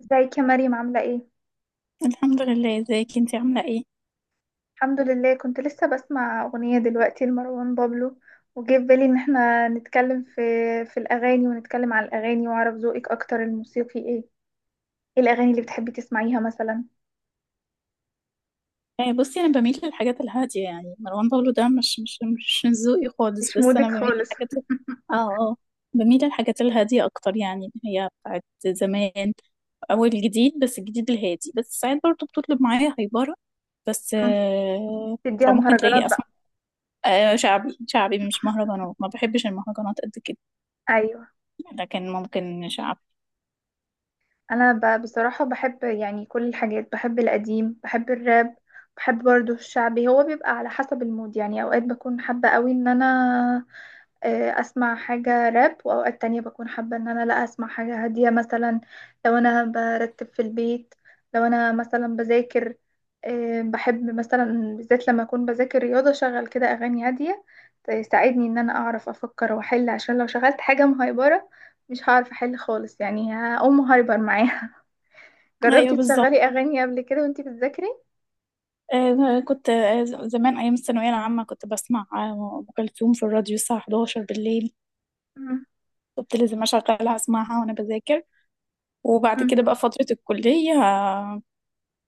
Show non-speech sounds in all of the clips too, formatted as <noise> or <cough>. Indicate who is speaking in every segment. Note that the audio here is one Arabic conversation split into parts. Speaker 1: ازيك يا مريم عاملة ايه؟
Speaker 2: الحمد لله. ازيك انتي عاملة ايه؟
Speaker 1: الحمد لله، كنت لسه بسمع أغنية دلوقتي لمروان بابلو. وجه في بالي ان احنا نتكلم في الأغاني ونتكلم على الأغاني، واعرف ذوقك أكتر. الموسيقي ايه؟ ايه الأغاني اللي بتحبي تسمعيها مثلا؟
Speaker 2: بصي انا بميل للحاجات الهادية. يعني مروان بابلو ده مش من ذوقي خالص،
Speaker 1: مش
Speaker 2: بس انا
Speaker 1: مودك
Speaker 2: بميل
Speaker 1: خالص.
Speaker 2: للحاجات اه اه. بميل للحاجات الهادية اكتر، يعني اللي هي بتاعت زمان او الجديد، بس الجديد الهادي. بس ساعات برضه بتطلب معايا هايبرة، بس
Speaker 1: مم.
Speaker 2: آه.
Speaker 1: تديها
Speaker 2: فممكن
Speaker 1: مهرجانات
Speaker 2: تلاقيني اسمع،
Speaker 1: بقى.
Speaker 2: آه، شعبي شعبي، مش مهرجانات. ما بحبش المهرجانات قد كده،
Speaker 1: أيوه.
Speaker 2: لكن ممكن شعبي.
Speaker 1: أنا بصراحة بحب يعني كل الحاجات، بحب القديم، بحب الراب، بحب برضه الشعبي. هو بيبقى على حسب المود يعني. أوقات بكون حابة قوي ان انا اسمع حاجة راب، واوقات تانية بكون حابة ان انا لا اسمع حاجة هادية مثلا، لو انا برتب في البيت، لو انا مثلا بذاكر. بحب مثلا بالذات لما اكون بذاكر رياضة شغل كده اغاني هادية تساعدني ان انا اعرف افكر واحل، عشان لو شغلت حاجة مهيبرة مش هعرف احل خالص. يعني هقوم هايبر معاها. <laughs> جربتي
Speaker 2: ايوه بالظبط.
Speaker 1: تشغلي اغاني قبل كده وانتي بتذاكري؟
Speaker 2: كنت، زمان أيام الثانوية العامة، كنت بسمع أم كلثوم في الراديو الساعة 11 بالليل.
Speaker 1: مم،
Speaker 2: كنت لازم أشغلها أسمعها وأنا بذاكر. وبعد
Speaker 1: مم،
Speaker 2: كده بقى فترة الكلية،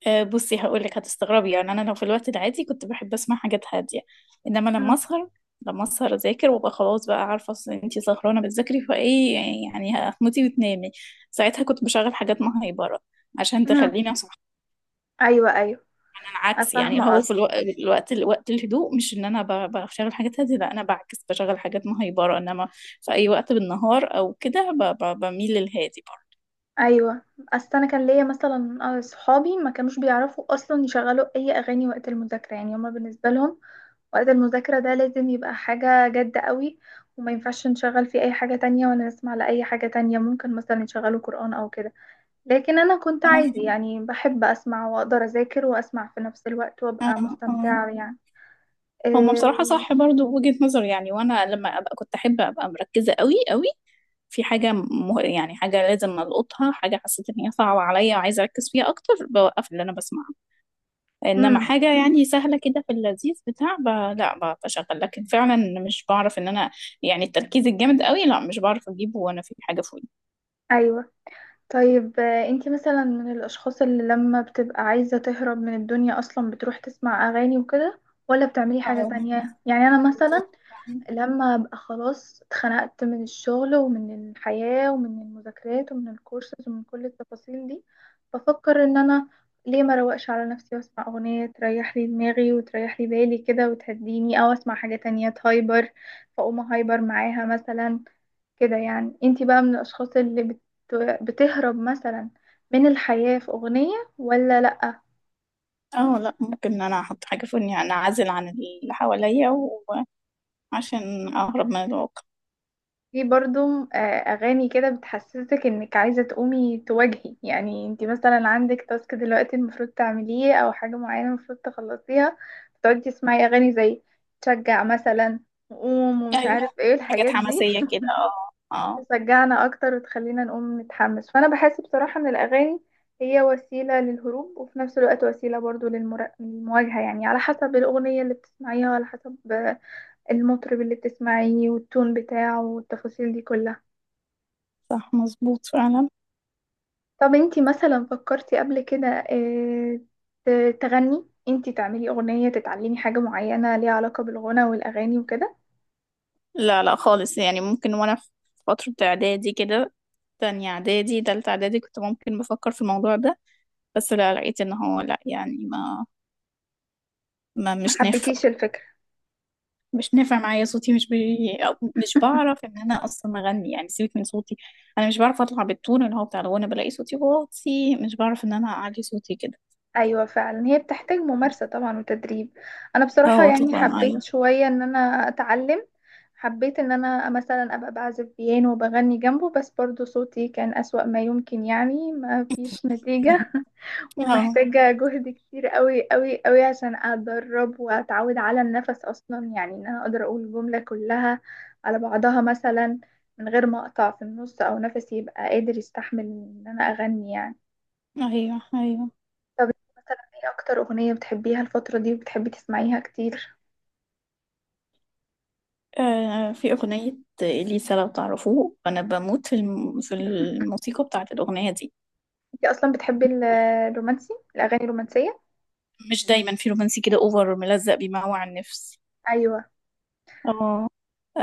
Speaker 2: بصي هقولك هتستغربي. يعني أنا لو في الوقت العادي كنت بحب أسمع حاجات هادية، إنما لما
Speaker 1: مم،
Speaker 2: أسهر، لما أسهر أذاكر وأبقى خلاص، بقى عارفة أصل أنتي سهرانة بتذاكري فإيه، يعني هتموتي وتنامي. ساعتها كنت بشغل حاجات مهيبرة عشان
Speaker 1: مم.
Speaker 2: تخليني أصحى.
Speaker 1: ايوه، ايوه،
Speaker 2: عكس، يعني اللي
Speaker 1: فاهمة
Speaker 2: هو في
Speaker 1: قصدك.
Speaker 2: الوقت الهدوء، مش ان انا بشغل حاجات هادية، لا انا بعكس بشغل حاجات مهيبرة. انما في اي وقت بالنهار او كده بميل للهادي برضه.
Speaker 1: ايوه، اصل انا كان ليا مثلا صحابي ما كانوش بيعرفوا اصلا يشغلوا اي اغاني وقت المذاكره. يعني هما بالنسبه لهم وقت المذاكره ده لازم يبقى حاجه جد قوي، وما ينفعش نشغل فيه اي حاجه تانية ولا نسمع لاي حاجه تانية. ممكن مثلا يشغلوا قران او كده، لكن انا كنت
Speaker 2: هم.
Speaker 1: عادي يعني، بحب اسمع واقدر اذاكر واسمع في نفس الوقت
Speaker 2: آه.
Speaker 1: وابقى
Speaker 2: آه.
Speaker 1: مستمتعه يعني.
Speaker 2: هم، بصراحة صح، برضو وجهة نظر. يعني وانا لما ابقى، كنت احب ابقى مركزة قوي قوي في حاجة يعني حاجة لازم القطها، حاجة حسيت ان هي صعبة عليا وعايزة اركز فيها اكتر، بوقف اللي انا بسمعه. انما
Speaker 1: امم.
Speaker 2: حاجه يعني سهله كده، في اللذيذ لا بشغل. لكن فعلا مش بعرف ان انا، يعني التركيز الجامد قوي لا، مش بعرف اجيبه وانا في حاجه في ودني.
Speaker 1: ايوه. طيب انتي مثلا من الاشخاص اللي لما بتبقى عايزة تهرب من الدنيا اصلا بتروح تسمع اغاني وكده، ولا بتعملي حاجة
Speaker 2: اه
Speaker 1: تانية؟ يعني انا مثلا لما ابقى خلاص اتخنقت من الشغل ومن الحياة ومن المذاكرات ومن الكورسز ومن كل التفاصيل دي، بفكر ان انا ليه ما روقش على نفسي واسمع اغنية تريح لي دماغي وتريح لي بالي كده وتهديني، او اسمع حاجة تانية تهايبر فاقوم هايبر معاها مثلا. كده يعني انتي بقى من الاشخاص اللي بتهرب مثلا من الحياة في اغنية ولا لا؟
Speaker 2: اه. لا، ممكن ان انا احط حاجه في ودني، يعني اعزل عن اللي حواليا، وعشان اهرب من الواقع.
Speaker 1: في برضو اغاني كده بتحسسك انك عايزة تقومي تواجهي. يعني انتي مثلا عندك تاسك دلوقتي المفروض تعمليه او حاجة معينة المفروض تخلصيها، بتقعدي تسمعي اغاني زي تشجع مثلا، وقوم، ومش
Speaker 2: ايوه.
Speaker 1: عارف ايه
Speaker 2: حاجات
Speaker 1: الحاجات دي.
Speaker 2: حماسيه كده، اه اه.
Speaker 1: تشجعنا اكتر وتخلينا نقوم نتحمس. فانا بحس بصراحة ان الاغاني هي وسيلة للهروب وفي نفس الوقت وسيلة برضو للمواجهة، يعني على حسب الاغنية اللي بتسمعيها وعلى حسب المطرب اللي بتسمعيه والتون بتاعه والتفاصيل دي كلها.
Speaker 2: صح مظبوط فعلا.
Speaker 1: طب انتي مثلا فكرتي قبل كده تغني؟ انتي تعملي اغنية، تتعلمي حاجة معينة ليها علاقة بالغنى والاغاني وكده؟
Speaker 2: لا لا خالص. يعني ممكن وانا في فتره اعدادي كده، تانية اعدادي تالتة اعدادي، كنت ممكن بفكر في الموضوع ده. بس لا، لقيت ان هو لا، يعني ما
Speaker 1: ما
Speaker 2: مش نافع.
Speaker 1: حبيتيش الفكرة.
Speaker 2: مش نافع معايا. صوتي مش بي... أو مش بعرف ان انا اصلا اغني. يعني سيبك من صوتي، انا مش بعرف اطلع بالتون اللي هو بتاع الغنى، بلاقي صوتي واطي، مش بعرف ان انا اعلي صوتي كده.
Speaker 1: ايوه فعلا، هي بتحتاج ممارسه طبعا وتدريب. انا بصراحه
Speaker 2: اه
Speaker 1: يعني
Speaker 2: طبعا
Speaker 1: حبيت
Speaker 2: ايوه.
Speaker 1: شويه ان انا اتعلم، حبيت ان انا مثلا ابقى بعزف بيانو وبغني جنبه، بس برضو صوتي كان اسوأ ما يمكن يعني ما فيش نتيجه. <laughs>
Speaker 2: اه.
Speaker 1: ومحتاجه جهد كتير قوي قوي قوي عشان اتدرب واتعود على النفس اصلا، يعني ان انا اقدر اقول الجمله كلها على بعضها مثلا من غير ما اقطع في النص، او نفسي يبقى قادر يستحمل ان انا اغني يعني.
Speaker 2: <laughs> ايوه ايوه.
Speaker 1: طب مثلا ايه اكتر اغنية بتحبيها الفترة دي وبتحبي تسمعيها كتير؟
Speaker 2: آه، في اغنية اليسا، لو تعرفوه انا بموت في في الموسيقى بتاعت الاغنية دي.
Speaker 1: انت اصلا بتحبي الرومانسي، الاغاني الرومانسية؟
Speaker 2: مش دايما، في رومانسي كده اوفر ملزق بيموع النفس.
Speaker 1: ايوه.
Speaker 2: اه.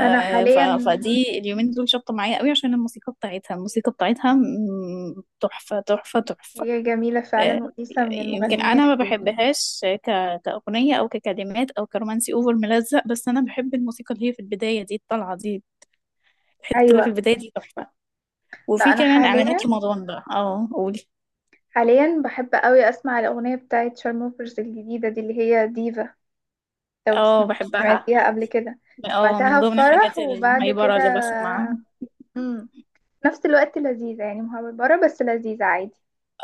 Speaker 1: انا
Speaker 2: ف...
Speaker 1: حاليا.
Speaker 2: فدي اليومين دول شابطة معايا قوي، عشان الموسيقى بتاعتها، الموسيقى بتاعتها تحفة تحفة تحفة.
Speaker 1: هي جميلة
Speaker 2: آه،
Speaker 1: فعلا، وإليسا من
Speaker 2: يمكن
Speaker 1: المغنيين
Speaker 2: أنا ما
Speaker 1: الحلوين.
Speaker 2: بحبهاش كأغنية أو ككلمات أو كرومانسي أوفر ملزق، بس أنا بحب الموسيقى اللي هي في البداية دي، الطلعة دي، الحتة اللي في
Speaker 1: ايوه.
Speaker 2: البداية دي تحفة.
Speaker 1: لا
Speaker 2: وفي
Speaker 1: انا
Speaker 2: كمان إعلانات
Speaker 1: حاليا
Speaker 2: رمضان بقى، اه قولي.
Speaker 1: حاليا بحب قوي اسمع الاغنية بتاعت شارموفرز الجديدة دي اللي هي ديفا. لو تسمع.
Speaker 2: اه بحبها.
Speaker 1: سمعتيها قبل كده؟
Speaker 2: اه، من
Speaker 1: بعتها في
Speaker 2: ضمن الحاجات
Speaker 1: فرح وبعد
Speaker 2: المهيبرة
Speaker 1: كده.
Speaker 2: اللي بسمعها.
Speaker 1: امم. نفس الوقت لذيذة يعني مهبرة بس لذيذة عادي.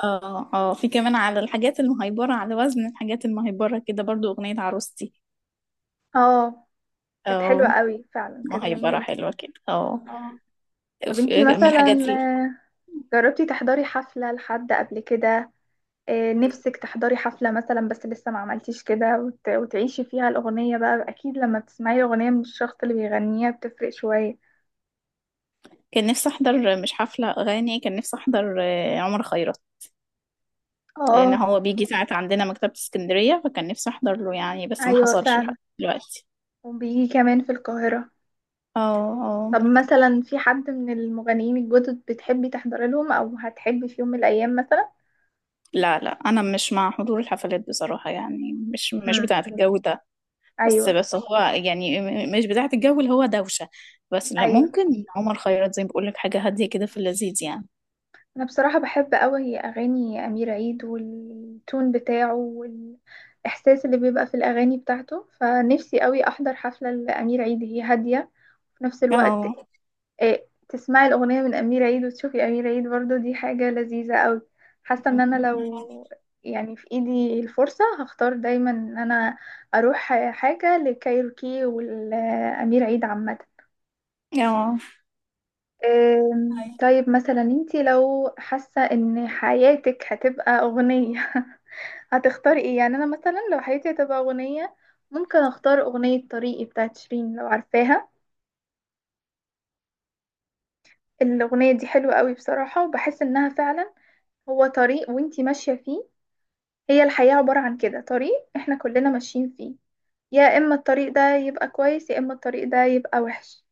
Speaker 2: اه اه، في كمان على الحاجات المهيبرة، على وزن الحاجات المهيبرة كده برضو، أغنية عروستي.
Speaker 1: اه، كانت حلوة
Speaker 2: اه.
Speaker 1: قوي فعلا، كانت
Speaker 2: هيبقى
Speaker 1: جميلة.
Speaker 2: حلوة كده، اه.
Speaker 1: اه. طب انتي
Speaker 2: من الحاجات
Speaker 1: مثلا
Speaker 2: دي.
Speaker 1: جربتي تحضري حفلة لحد قبل كده؟ نفسك تحضري حفلة مثلا بس لسه ما عملتيش كده، وتعيشي فيها الأغنية بقى؟ أكيد لما بتسمعي أغنية من الشخص اللي بيغنيها بتفرق شوية.
Speaker 2: كان نفسي احضر، مش حفلة اغاني، كان نفسي احضر عمر خيرت. لان
Speaker 1: اه.
Speaker 2: هو بيجي ساعات عندنا مكتبة اسكندرية، فكان نفسي احضر له يعني، بس ما
Speaker 1: أيوة
Speaker 2: حصلش لحد
Speaker 1: فعلا.
Speaker 2: دلوقتي.
Speaker 1: وبيجي كمان في القاهرة.
Speaker 2: اه اه.
Speaker 1: طب مثلا في حد من المغنيين الجدد بتحبي تحضري لهم، أو هتحبي في يوم من الأيام مثلا؟
Speaker 2: لا لا، انا مش مع حضور الحفلات بصراحة، يعني مش مش
Speaker 1: امم.
Speaker 2: بتاعة الجو ده. بس
Speaker 1: أيوة،
Speaker 2: بس هو يعني مش بتاعة الجو اللي هو دوشة. بس لا،
Speaker 1: أيوة.
Speaker 2: ممكن عمر خيرت زي ما بقول لك، حاجة هادية كده، في اللذيذ يعني.
Speaker 1: انا بصراحة بحب قوي اغاني امير عيد والتون بتاعه والاحساس اللي بيبقى في الاغاني بتاعته، فنفسي قوي احضر حفلة لامير عيد. هي هادية في نفس الوقت،
Speaker 2: اه.
Speaker 1: آه، تسمعي الاغنية من امير عيد وتشوفي امير عيد برضو، دي حاجة لذيذة قوي. حاسة ان انا
Speaker 2: <laughs>
Speaker 1: لو يعني في ايدي الفرصة هختار دايما ان انا اروح حاجة لكايروكي والامير عيد عامة.
Speaker 2: اه
Speaker 1: طيب مثلا انتي لو حاسة ان حياتك هتبقى اغنية، <laughs> هتختاري ايه؟ يعني انا مثلا لو حياتي هتبقى اغنية ممكن اختار اغنية طريقي بتاعت شيرين، لو عارفاها. الاغنية دي حلوة قوي بصراحة، وبحس انها فعلا هو طريق وانتي ماشية فيه. هي الحياة عبارة عن كده، طريق احنا كلنا ماشيين فيه. يا اما الطريق ده يبقى كويس يا اما الطريق ده يبقى وحش،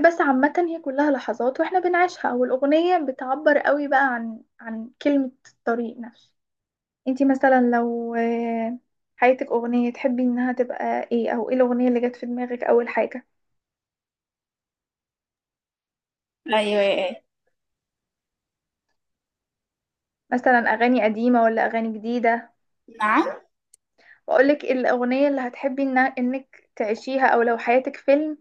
Speaker 1: بس عامة هي كلها لحظات واحنا بنعيشها، والأغنية بتعبر قوي بقى عن كلمة الطريق نفسه. انتي مثلا لو حياتك أغنية تحبي انها تبقى ايه، او ايه الأغنية اللي جت في دماغك أول حاجة؟
Speaker 2: ايوه أيوة.
Speaker 1: مثلا أغاني قديمة ولا أغاني جديدة؟
Speaker 2: نعم.
Speaker 1: وأقولك الأغنية اللي هتحبي إنها انك تعيشيها، او لو حياتك فيلم،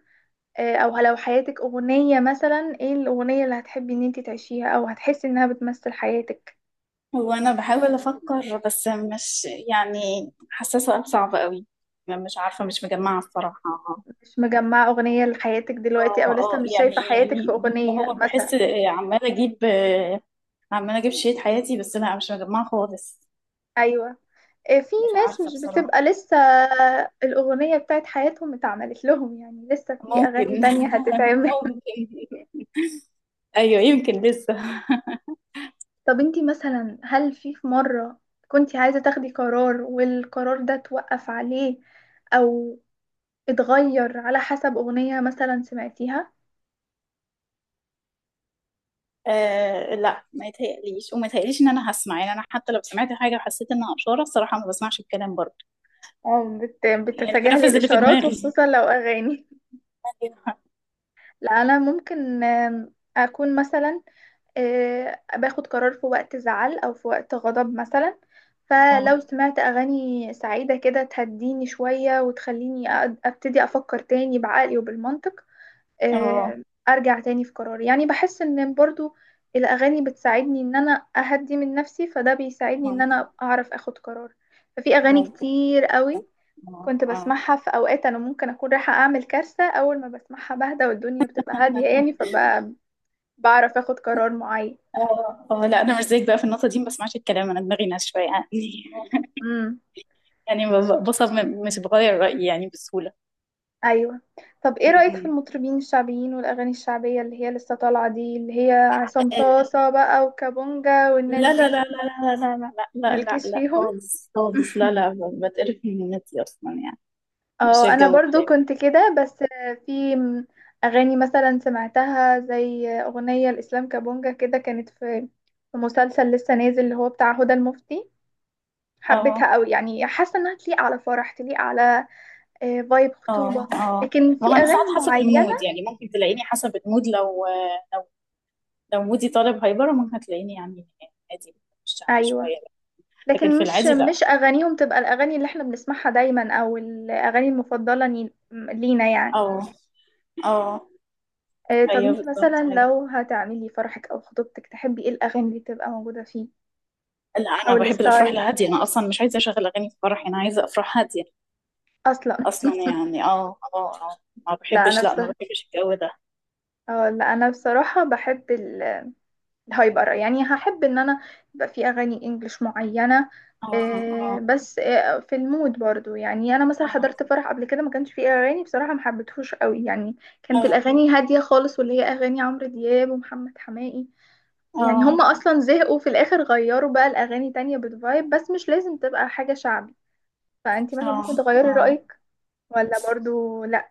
Speaker 1: او لو حياتك أغنية مثلا ايه الأغنية اللي هتحبي ان انتي تعيشيها او هتحسي انها بتمثل حياتك؟
Speaker 2: هو أنا بحاول أفكر، بس مش، يعني حاسة سؤال صعب قوي. مش عارفة، مش مجمعة الصراحة.
Speaker 1: مش مجمعة أغنية لحياتك دلوقتي، أو
Speaker 2: اه
Speaker 1: لسه
Speaker 2: اه،
Speaker 1: مش شايفة
Speaker 2: يعني
Speaker 1: حياتك في
Speaker 2: يعني ده،
Speaker 1: أغنية
Speaker 2: هو بحس،
Speaker 1: مثلا؟
Speaker 2: عمالة أجيب، عمالة أجيب شريط حياتي، بس لا مش مجمعة خالص.
Speaker 1: أيوة. إيه، في
Speaker 2: مش
Speaker 1: ناس
Speaker 2: عارفة
Speaker 1: مش
Speaker 2: بصراحة.
Speaker 1: بتبقى لسه الأغنية بتاعت حياتهم اتعملت لهم، يعني لسه في أغاني
Speaker 2: ممكن.
Speaker 1: تانية هتتعمل.
Speaker 2: <laughs>
Speaker 1: <laughs>
Speaker 2: ممكن. أيوه، يمكن لسه.
Speaker 1: طب انتي مثلا هل في مرة كنتي عايزة تاخدي قرار والقرار ده توقف عليه، أو اتغير على حسب أغنية مثلا سمعتيها؟
Speaker 2: آه لا، ما يتهيأليش وما يتهيأليش إن أنا هسمع. يعني أنا حتى لو سمعت حاجة وحسيت إنها إشارة، الصراحة ما بسمعش الكلام برضه.
Speaker 1: اه
Speaker 2: يعني
Speaker 1: بتتجاهلي
Speaker 2: بنفذ اللي في
Speaker 1: الإشارات،
Speaker 2: دماغي.
Speaker 1: وخصوصا لو أغاني؟
Speaker 2: <laughs>
Speaker 1: <laughs> لا أنا ممكن أكون مثلا باخد قرار في وقت زعل او في وقت غضب مثلا،
Speaker 2: آه.
Speaker 1: فلو سمعت اغاني سعيدة كده تهديني شوية وتخليني ابتدي افكر تاني بعقلي وبالمنطق،
Speaker 2: اه
Speaker 1: آه، ارجع تاني في قراري. يعني بحس ان برضو الاغاني بتساعدني ان انا اهدي من نفسي، فده بيساعدني ان
Speaker 2: ممكن.
Speaker 1: انا اعرف اخد قرار. ففي اغاني
Speaker 2: ممكن.
Speaker 1: كتير قوي
Speaker 2: اه
Speaker 1: كنت
Speaker 2: اه
Speaker 1: بسمعها في اوقات انا ممكن اكون رايحة اعمل كارثة، اول ما بسمعها بهدى والدنيا بتبقى هادية يعني، فبعرف اخد قرار معين.
Speaker 2: اه اه. لا انا مش زيك بقى في النقطه دي، ما بسمعش الكلام، انا دماغي ناس شويه يعني.
Speaker 1: مم.
Speaker 2: <laughs> يعني بصمم، مش بغير رايي يعني بسهوله.
Speaker 1: ايوه. طب ايه
Speaker 2: م.
Speaker 1: رأيك في
Speaker 2: م.
Speaker 1: المطربين الشعبيين والاغاني الشعبية اللي هي لسه طالعة دي، اللي هي عصام صاصة بقى وكابونجا والناس
Speaker 2: لا
Speaker 1: دي؟
Speaker 2: لا لا لا لا لا لا لا لا لا
Speaker 1: مالكيش
Speaker 2: لا
Speaker 1: فيهم؟
Speaker 2: خالص خالص لا
Speaker 1: <laughs>
Speaker 2: لا. بتقرف من النت اصلا يعني. مش
Speaker 1: اه انا
Speaker 2: الجو
Speaker 1: برضو
Speaker 2: بتاعي.
Speaker 1: كنت كده، بس في اغاني مثلا سمعتها زي اغنية الاسلام كابونجا كده، كانت في مسلسل لسه نازل اللي هو بتاع هدى المفتي.
Speaker 2: اه
Speaker 1: حبيتها قوي، يعني حاسه انها تليق على فرح، تليق على فايب
Speaker 2: اه
Speaker 1: خطوبه.
Speaker 2: اه.
Speaker 1: لكن
Speaker 2: ما
Speaker 1: في
Speaker 2: هو انا ساعات
Speaker 1: اغاني
Speaker 2: حسب
Speaker 1: معينه.
Speaker 2: المود، يعني ممكن تلاقيني حسب المود. لو لو، لو مودي طالب هايبر، ممكن هتلاقيني يعني عادي، مش شعبي
Speaker 1: ايوه.
Speaker 2: شويه. لكن
Speaker 1: لكن
Speaker 2: في
Speaker 1: مش
Speaker 2: العادي لا.
Speaker 1: مش اغانيهم تبقى الاغاني اللي احنا بنسمعها دايما او الاغاني المفضله لينا يعني.
Speaker 2: اه اه.
Speaker 1: طب
Speaker 2: ايوه
Speaker 1: انتي مثلا
Speaker 2: بالظبط ايوه.
Speaker 1: لو هتعملي فرحك او خطوبتك تحبي ايه الاغاني اللي تبقى موجوده فيه،
Speaker 2: لا
Speaker 1: او
Speaker 2: انا بحب الافراح
Speaker 1: الستايل
Speaker 2: الهاديه، انا اصلا مش عايزه اشغل اغاني في فرحي، انا عايزه افراح هاديه
Speaker 1: اصلا؟
Speaker 2: اصلا. يعني اه اه اه، ما
Speaker 1: لا انا
Speaker 2: بحبش. لا ما
Speaker 1: بصراحه،
Speaker 2: بحبش الجو ده.
Speaker 1: اه لا انا بصراحه بحب، هيبقى رأي. يعني هحب ان انا يبقى في اغاني انجليش معينة،
Speaker 2: اه اه
Speaker 1: بس في المود برضو. يعني انا مثلا
Speaker 2: اه
Speaker 1: حضرت فرح قبل كده ما كانش فيه اغاني بصراحة ما حبيتهوش قوي يعني، كانت
Speaker 2: اه
Speaker 1: الاغاني هادية خالص واللي هي اغاني عمرو دياب ومحمد حماقي، يعني هما
Speaker 2: اه
Speaker 1: اصلا زهقوا في الاخر غيروا بقى الاغاني تانية بتفايب، بس مش لازم تبقى حاجة شعبي. فانتي مثلا
Speaker 2: اه.
Speaker 1: ممكن تغيري
Speaker 2: آه.
Speaker 1: رأيك ولا برضو لا؟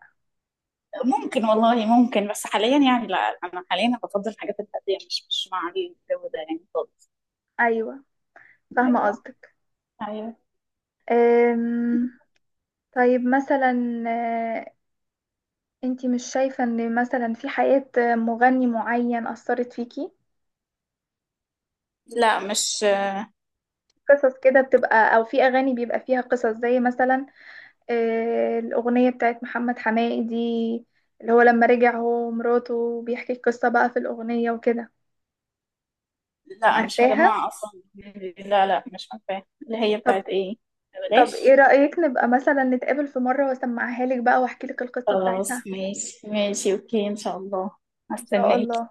Speaker 2: ممكن والله ممكن، بس حاليا يعني لا، انا حاليا بفضل الحاجات الهاديه، مش مش مع الجو ده يعني خالص.
Speaker 1: ايوه فاهمة
Speaker 2: ايوه
Speaker 1: قصدك.
Speaker 2: ايوه.
Speaker 1: أم، طيب مثلا انتي مش شايفة ان مثلا في حياة مغني معين أثرت فيكي؟
Speaker 2: لا مش
Speaker 1: قصص كده بتبقى، او في اغاني بيبقى فيها قصص زي مثلا الاغنية بتاعت محمد حماقي دي اللي هو لما رجع هو ومراته بيحكي القصة بقى في الاغنية وكده.
Speaker 2: لا مش
Speaker 1: عارفاها؟
Speaker 2: مجمعه اصلا. لا لا، مش عارفه اللي هي
Speaker 1: طب
Speaker 2: بتاعت ايه.
Speaker 1: طب ايه
Speaker 2: بلاش.
Speaker 1: رأيك نبقى مثلا نتقابل في مرة واسمعها لك بقى واحكي لك القصة بتاعتها؟
Speaker 2: خلاص ماشي ماشي اوكي ان شاء الله.
Speaker 1: ان شاء
Speaker 2: هستناك.
Speaker 1: الله.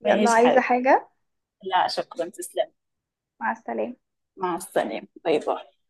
Speaker 1: يلا،
Speaker 2: ماشي
Speaker 1: عايزة
Speaker 2: حبيبي.
Speaker 1: حاجة؟
Speaker 2: لا شكرا تسلم.
Speaker 1: مع السلامة.
Speaker 2: مع السلامة باي باي.